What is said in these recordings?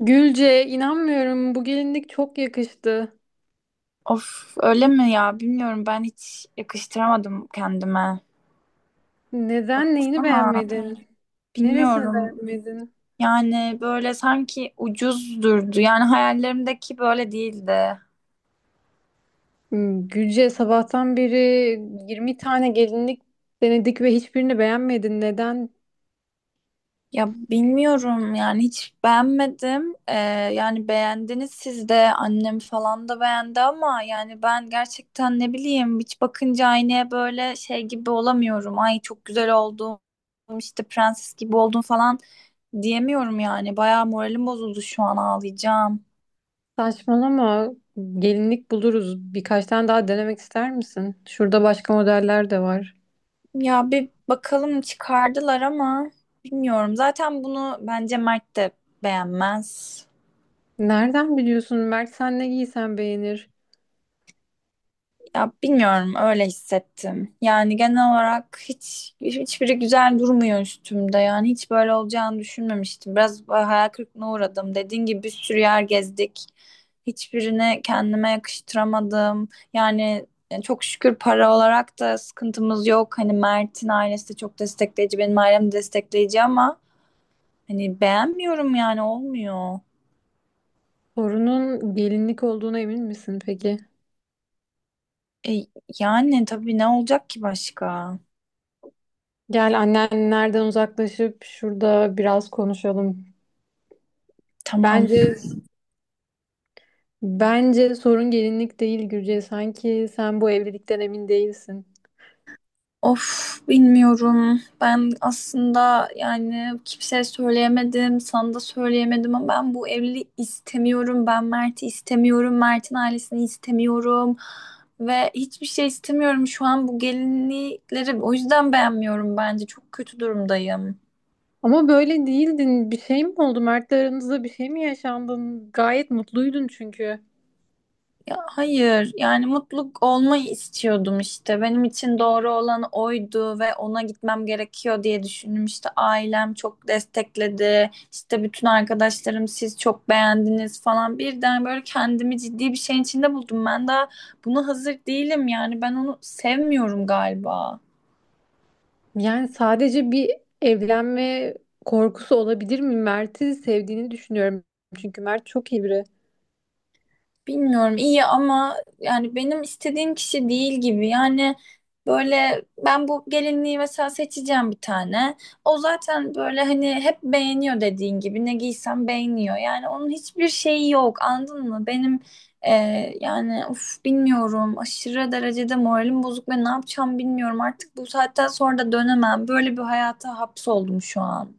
Gülce, inanmıyorum. Bu gelinlik çok yakıştı. Of öyle mi ya? Bilmiyorum ben hiç yakıştıramadım kendime. Neden neyini Baksana. beğenmedin? Neresini Bilmiyorum. beğenmedin? Yani böyle sanki ucuz durdu. Yani hayallerimdeki böyle değildi. Hmm, Gülce, sabahtan beri 20 tane gelinlik denedik ve hiçbirini beğenmedin. Neden? Ya bilmiyorum yani hiç beğenmedim. Yani beğendiniz siz de annem falan da beğendi ama yani ben gerçekten ne bileyim hiç bakınca aynaya böyle şey gibi olamıyorum. Ay çok güzel oldum işte prenses gibi oldum falan diyemiyorum yani. Bayağı moralim bozuldu şu an ağlayacağım. Saçmalama. Gelinlik buluruz. Birkaç tane daha denemek ister misin? Şurada başka modeller de var. Ya bir bakalım çıkardılar ama bilmiyorum. Zaten bunu bence Mert de beğenmez. Nereden biliyorsun? Mert sen ne giysen beğenir. Ya bilmiyorum öyle hissettim. Yani genel olarak hiçbiri güzel durmuyor üstümde. Yani hiç böyle olacağını düşünmemiştim. Biraz hayal kırıklığına uğradım. Dediğin gibi bir sürü yer gezdik. Hiçbirini kendime yakıştıramadım. Yani çok şükür para olarak da sıkıntımız yok. Hani Mert'in ailesi de çok destekleyici, benim ailem de destekleyici ama hani beğenmiyorum yani olmuyor. Sorunun gelinlik olduğuna emin misin peki? E, yani tabii ne olacak ki başka? Gel annenlerden uzaklaşıp şurada biraz konuşalım. Tamam. Bence bence sorun gelinlik değil Gürce. Sanki sen bu evlilikten emin değilsin. Of bilmiyorum. Ben aslında yani kimseye söyleyemedim, sana da söyleyemedim ama ben bu evliliği istemiyorum. Ben Mert'i istemiyorum, Mert'in ailesini istemiyorum ve hiçbir şey istemiyorum. Şu an bu gelinlikleri o yüzden beğenmiyorum bence. Çok kötü durumdayım. Ama böyle değildin. Bir şey mi oldu? Mert'le aranızda bir şey mi yaşandın? Gayet mutluydun çünkü. Ya hayır, yani mutluluk olmayı istiyordum işte. Benim için doğru olan oydu ve ona gitmem gerekiyor diye düşündüm. İşte ailem çok destekledi. İşte bütün arkadaşlarım siz çok beğendiniz falan. Birden böyle kendimi ciddi bir şeyin içinde buldum. Ben daha buna hazır değilim yani. Ben onu sevmiyorum galiba. Yani sadece bir evlenme korkusu olabilir mi? Mert'i sevdiğini düşünüyorum. Çünkü Mert çok iyi biri. Bilmiyorum iyi ama yani benim istediğim kişi değil gibi. Yani böyle ben bu gelinliği mesela seçeceğim bir tane. O zaten böyle hani hep beğeniyor dediğin gibi ne giysem beğeniyor. Yani onun hiçbir şeyi yok anladın mı? Benim e, yani uf bilmiyorum aşırı derecede moralim bozuk ve ne yapacağım bilmiyorum. Artık bu saatten sonra da dönemem. Böyle bir hayata hapsoldum şu an.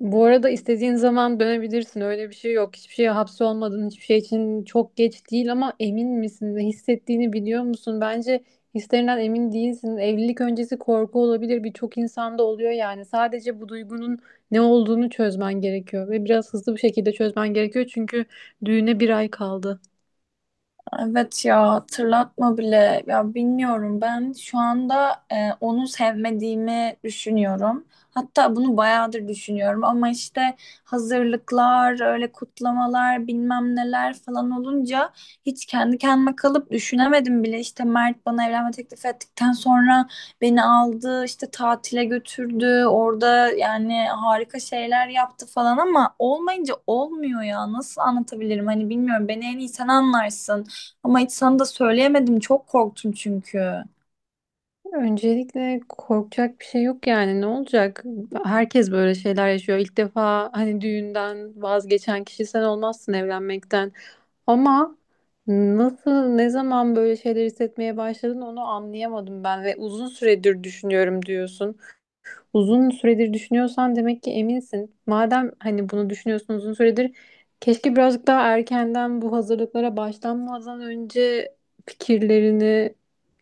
Bu arada istediğin zaman dönebilirsin. Öyle bir şey yok. Hiçbir şeye hapsolmadın. Hiçbir şey için çok geç değil ama emin misin? Ne hissettiğini biliyor musun? Bence hislerinden emin değilsin. Evlilik öncesi korku olabilir. Birçok insanda oluyor yani. Sadece bu duygunun ne olduğunu çözmen gerekiyor ve biraz hızlı bir şekilde çözmen gerekiyor çünkü düğüne bir ay kaldı. Evet ya hatırlatma bile ya bilmiyorum ben şu anda onu sevmediğimi düşünüyorum. Hatta bunu bayağıdır düşünüyorum ama işte hazırlıklar, öyle kutlamalar, bilmem neler falan olunca hiç kendi kendime kalıp düşünemedim bile. İşte Mert bana evlenme teklif ettikten sonra beni aldı, işte tatile götürdü, orada yani harika şeyler yaptı falan ama olmayınca olmuyor ya. Nasıl anlatabilirim? Hani bilmiyorum beni en iyi sen anlarsın. Ama hiç sana da söyleyemedim. Çok korktum çünkü. Öncelikle korkacak bir şey yok yani ne olacak? Herkes böyle şeyler yaşıyor. İlk defa hani düğünden vazgeçen kişi sen olmazsın evlenmekten. Ama nasıl, ne zaman böyle şeyler hissetmeye başladın onu anlayamadım ben ve uzun süredir düşünüyorum diyorsun. Uzun süredir düşünüyorsan demek ki eminsin. Madem hani bunu düşünüyorsun uzun süredir, keşke birazcık daha erkenden bu hazırlıklara başlanmadan önce fikirlerini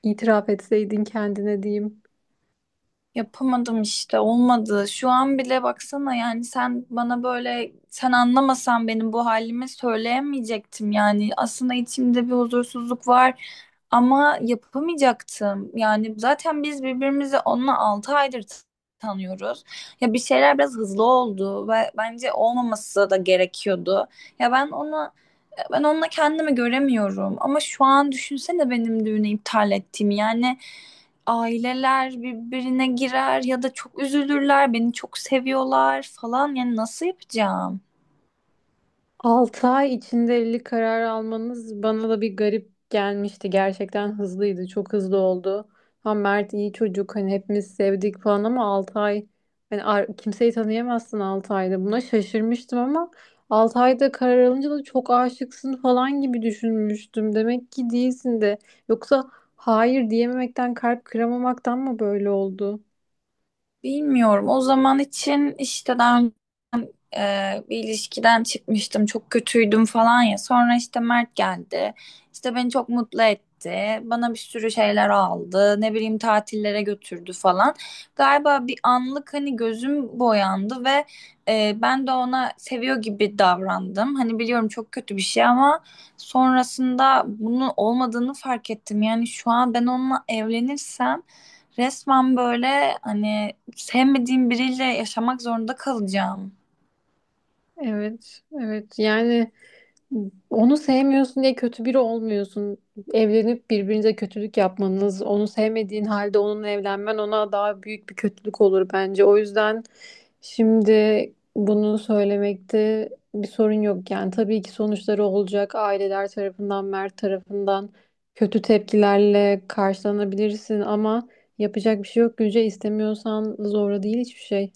itiraf etseydin kendine diyeyim. Yapamadım işte olmadı. Şu an bile baksana yani sen bana böyle sen anlamasan benim bu halimi söyleyemeyecektim yani. Aslında içimde bir huzursuzluk var ama yapamayacaktım. Yani zaten biz birbirimizi onunla 6 aydır tanıyoruz. Ya bir şeyler biraz hızlı oldu ve bence olmaması da gerekiyordu. Ya ben onu Ben onunla kendimi göremiyorum. Ama şu an düşünsene benim düğünü iptal ettiğimi. Yani aileler birbirine girer ya da çok üzülürler, beni çok seviyorlar falan. Yani nasıl yapacağım? 6 ay içinde evlilik kararı almanız bana da bir garip gelmişti. Gerçekten hızlıydı. Çok hızlı oldu. Ha Mert iyi çocuk. Hani hepimiz sevdik falan ama 6 ay hani kimseyi tanıyamazsın 6 ayda. Buna şaşırmıştım ama 6 ayda karar alınca da çok aşıksın falan gibi düşünmüştüm. Demek ki değilsin de. Yoksa hayır diyememekten, kalp kıramamaktan mı böyle oldu? Bilmiyorum. O zaman için işte daha e, bir ilişkiden çıkmıştım çok kötüydüm falan ya sonra işte Mert geldi işte beni çok mutlu etti bana bir sürü şeyler aldı ne bileyim tatillere götürdü falan galiba bir anlık hani gözüm boyandı ve ben de ona seviyor gibi davrandım hani biliyorum çok kötü bir şey ama sonrasında bunun olmadığını fark ettim yani şu an ben onunla evlenirsem resmen böyle hani sevmediğim biriyle yaşamak zorunda kalacağım. Evet, evet. Yani onu sevmiyorsun diye kötü biri olmuyorsun. Evlenip birbirinize kötülük yapmanız, onu sevmediğin halde onunla evlenmen ona daha büyük bir kötülük olur bence. O yüzden şimdi bunu söylemekte bir sorun yok. Yani tabii ki sonuçları olacak. Aileler tarafından, Mert tarafından kötü tepkilerle karşılanabilirsin ama yapacak bir şey yok. Gülce istemiyorsan zorla değil hiçbir şey.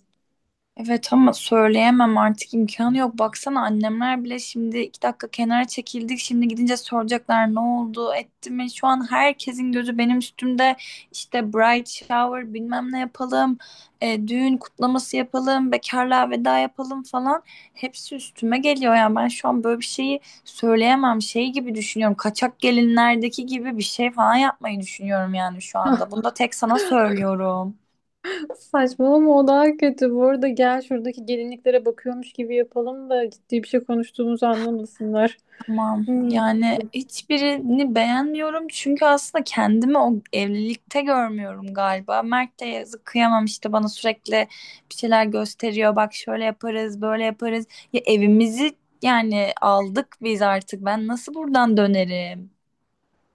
Evet ama söyleyemem artık imkanı yok. Baksana annemler bile şimdi 2 dakika kenara çekildik. Şimdi gidince soracaklar ne oldu etti mi? Şu an herkesin gözü benim üstümde. İşte bright shower bilmem ne yapalım. Düğün kutlaması yapalım. Bekarlığa veda yapalım falan. Hepsi üstüme geliyor. Yani ben şu an böyle bir şeyi söyleyemem. Şey gibi düşünüyorum. Kaçak gelinlerdeki gibi bir şey falan yapmayı düşünüyorum yani şu anda. Bunu da tek sana söylüyorum. Saçmalama o daha kötü. Bu arada gel şuradaki gelinliklere bakıyormuş gibi yapalım da ciddi bir şey konuştuğumuzu anlamasınlar. Tamam. Hmm. Yani hiçbirini beğenmiyorum çünkü aslında kendimi o evlilikte görmüyorum galiba. Mert de yazık kıyamam işte bana sürekli bir şeyler gösteriyor. Bak şöyle yaparız, böyle yaparız. Ya evimizi Yani aldık biz artık. Ben nasıl buradan dönerim?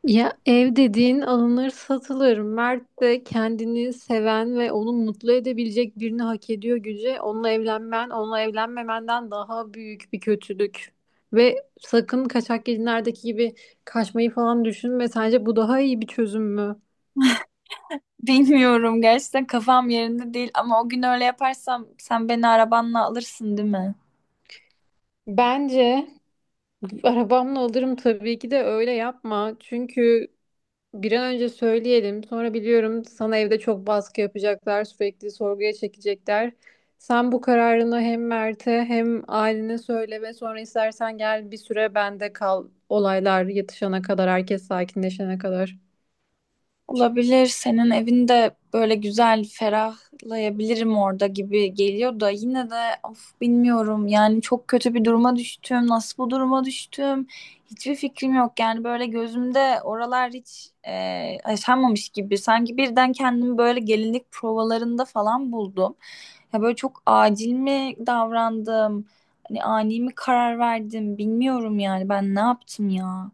Ya ev dediğin alınır satılır. Mert de kendini seven ve onu mutlu edebilecek birini hak ediyor Güce. Onunla evlenmen, onunla evlenmemenden daha büyük bir kötülük. Ve sakın kaçak gelinlerdeki gibi kaçmayı falan düşünme. Sence bu daha iyi bir çözüm mü? Bilmiyorum gerçekten kafam yerinde değil ama o gün öyle yaparsam sen beni arabanla alırsın değil mi? Bence arabamla alırım tabii ki de öyle yapma. Çünkü bir an önce söyleyelim. Sonra biliyorum sana evde çok baskı yapacaklar, sürekli sorguya çekecekler. Sen bu kararını hem Mert'e hem ailene söyle ve sonra istersen gel bir süre bende kal. Olaylar yatışana kadar, herkes sakinleşene kadar. Olabilir. Senin evinde böyle güzel ferahlayabilirim orada gibi geliyor da yine de of bilmiyorum. Yani çok kötü bir duruma düştüm. Nasıl bu duruma düştüm? Hiçbir fikrim yok. Yani böyle gözümde oralar yaşanmamış gibi. Sanki birden kendimi böyle gelinlik provalarında falan buldum. Ya böyle çok acil mi davrandım? Hani ani mi karar verdim? Bilmiyorum yani ben ne yaptım ya.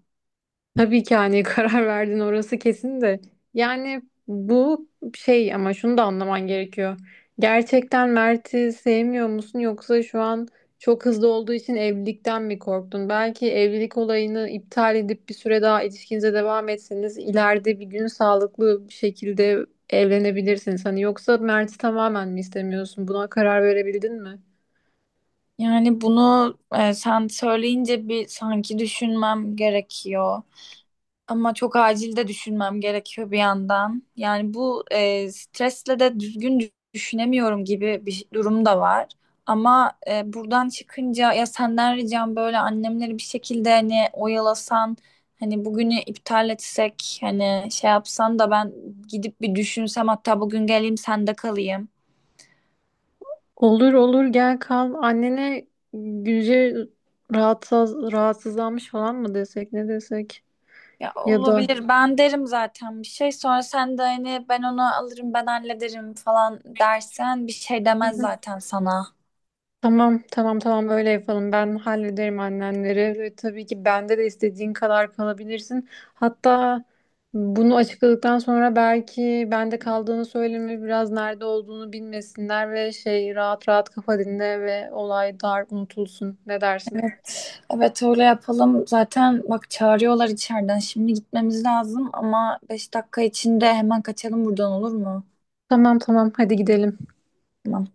Tabii ki hani karar verdin orası kesin de. Yani bu şey ama şunu da anlaman gerekiyor. Gerçekten Mert'i sevmiyor musun yoksa şu an çok hızlı olduğu için evlilikten mi korktun? Belki evlilik olayını iptal edip bir süre daha ilişkinize devam etseniz ileride bir gün sağlıklı bir şekilde evlenebilirsiniz. Hani yoksa Mert'i tamamen mi istemiyorsun? Buna karar verebildin mi? Yani bunu sen söyleyince bir sanki düşünmem gerekiyor. Ama çok acil de düşünmem gerekiyor bir yandan. Yani bu stresle de düzgün düşünemiyorum gibi bir durum da var. Ama buradan çıkınca ya senden ricam böyle annemleri bir şekilde hani oyalasan, hani bugünü iptal etsek, hani şey yapsan da ben gidip bir düşünsem hatta bugün geleyim sende kalayım. Olur olur gel kal. Annene Gülce rahatsızlanmış falan mı desek ne desek? Ya Ya da olabilir. Ben derim zaten bir şey. Sonra sen de hani ben onu alırım ben hallederim falan dersen bir şey hı demez hı. zaten sana. Tamam tamam tamam öyle yapalım. Ben hallederim annenleri. Ve tabii ki bende de istediğin kadar kalabilirsin. Hatta bunu açıkladıktan sonra belki bende kaldığını söyleme biraz nerede olduğunu bilmesinler ve şey rahat rahat kafa dinle ve olay dar unutulsun. Ne dersin? Evet öyle yapalım. Zaten bak çağırıyorlar içeriden. Şimdi gitmemiz lazım ama 5 dakika içinde hemen kaçalım buradan olur mu? Tamam tamam hadi gidelim. Tamam.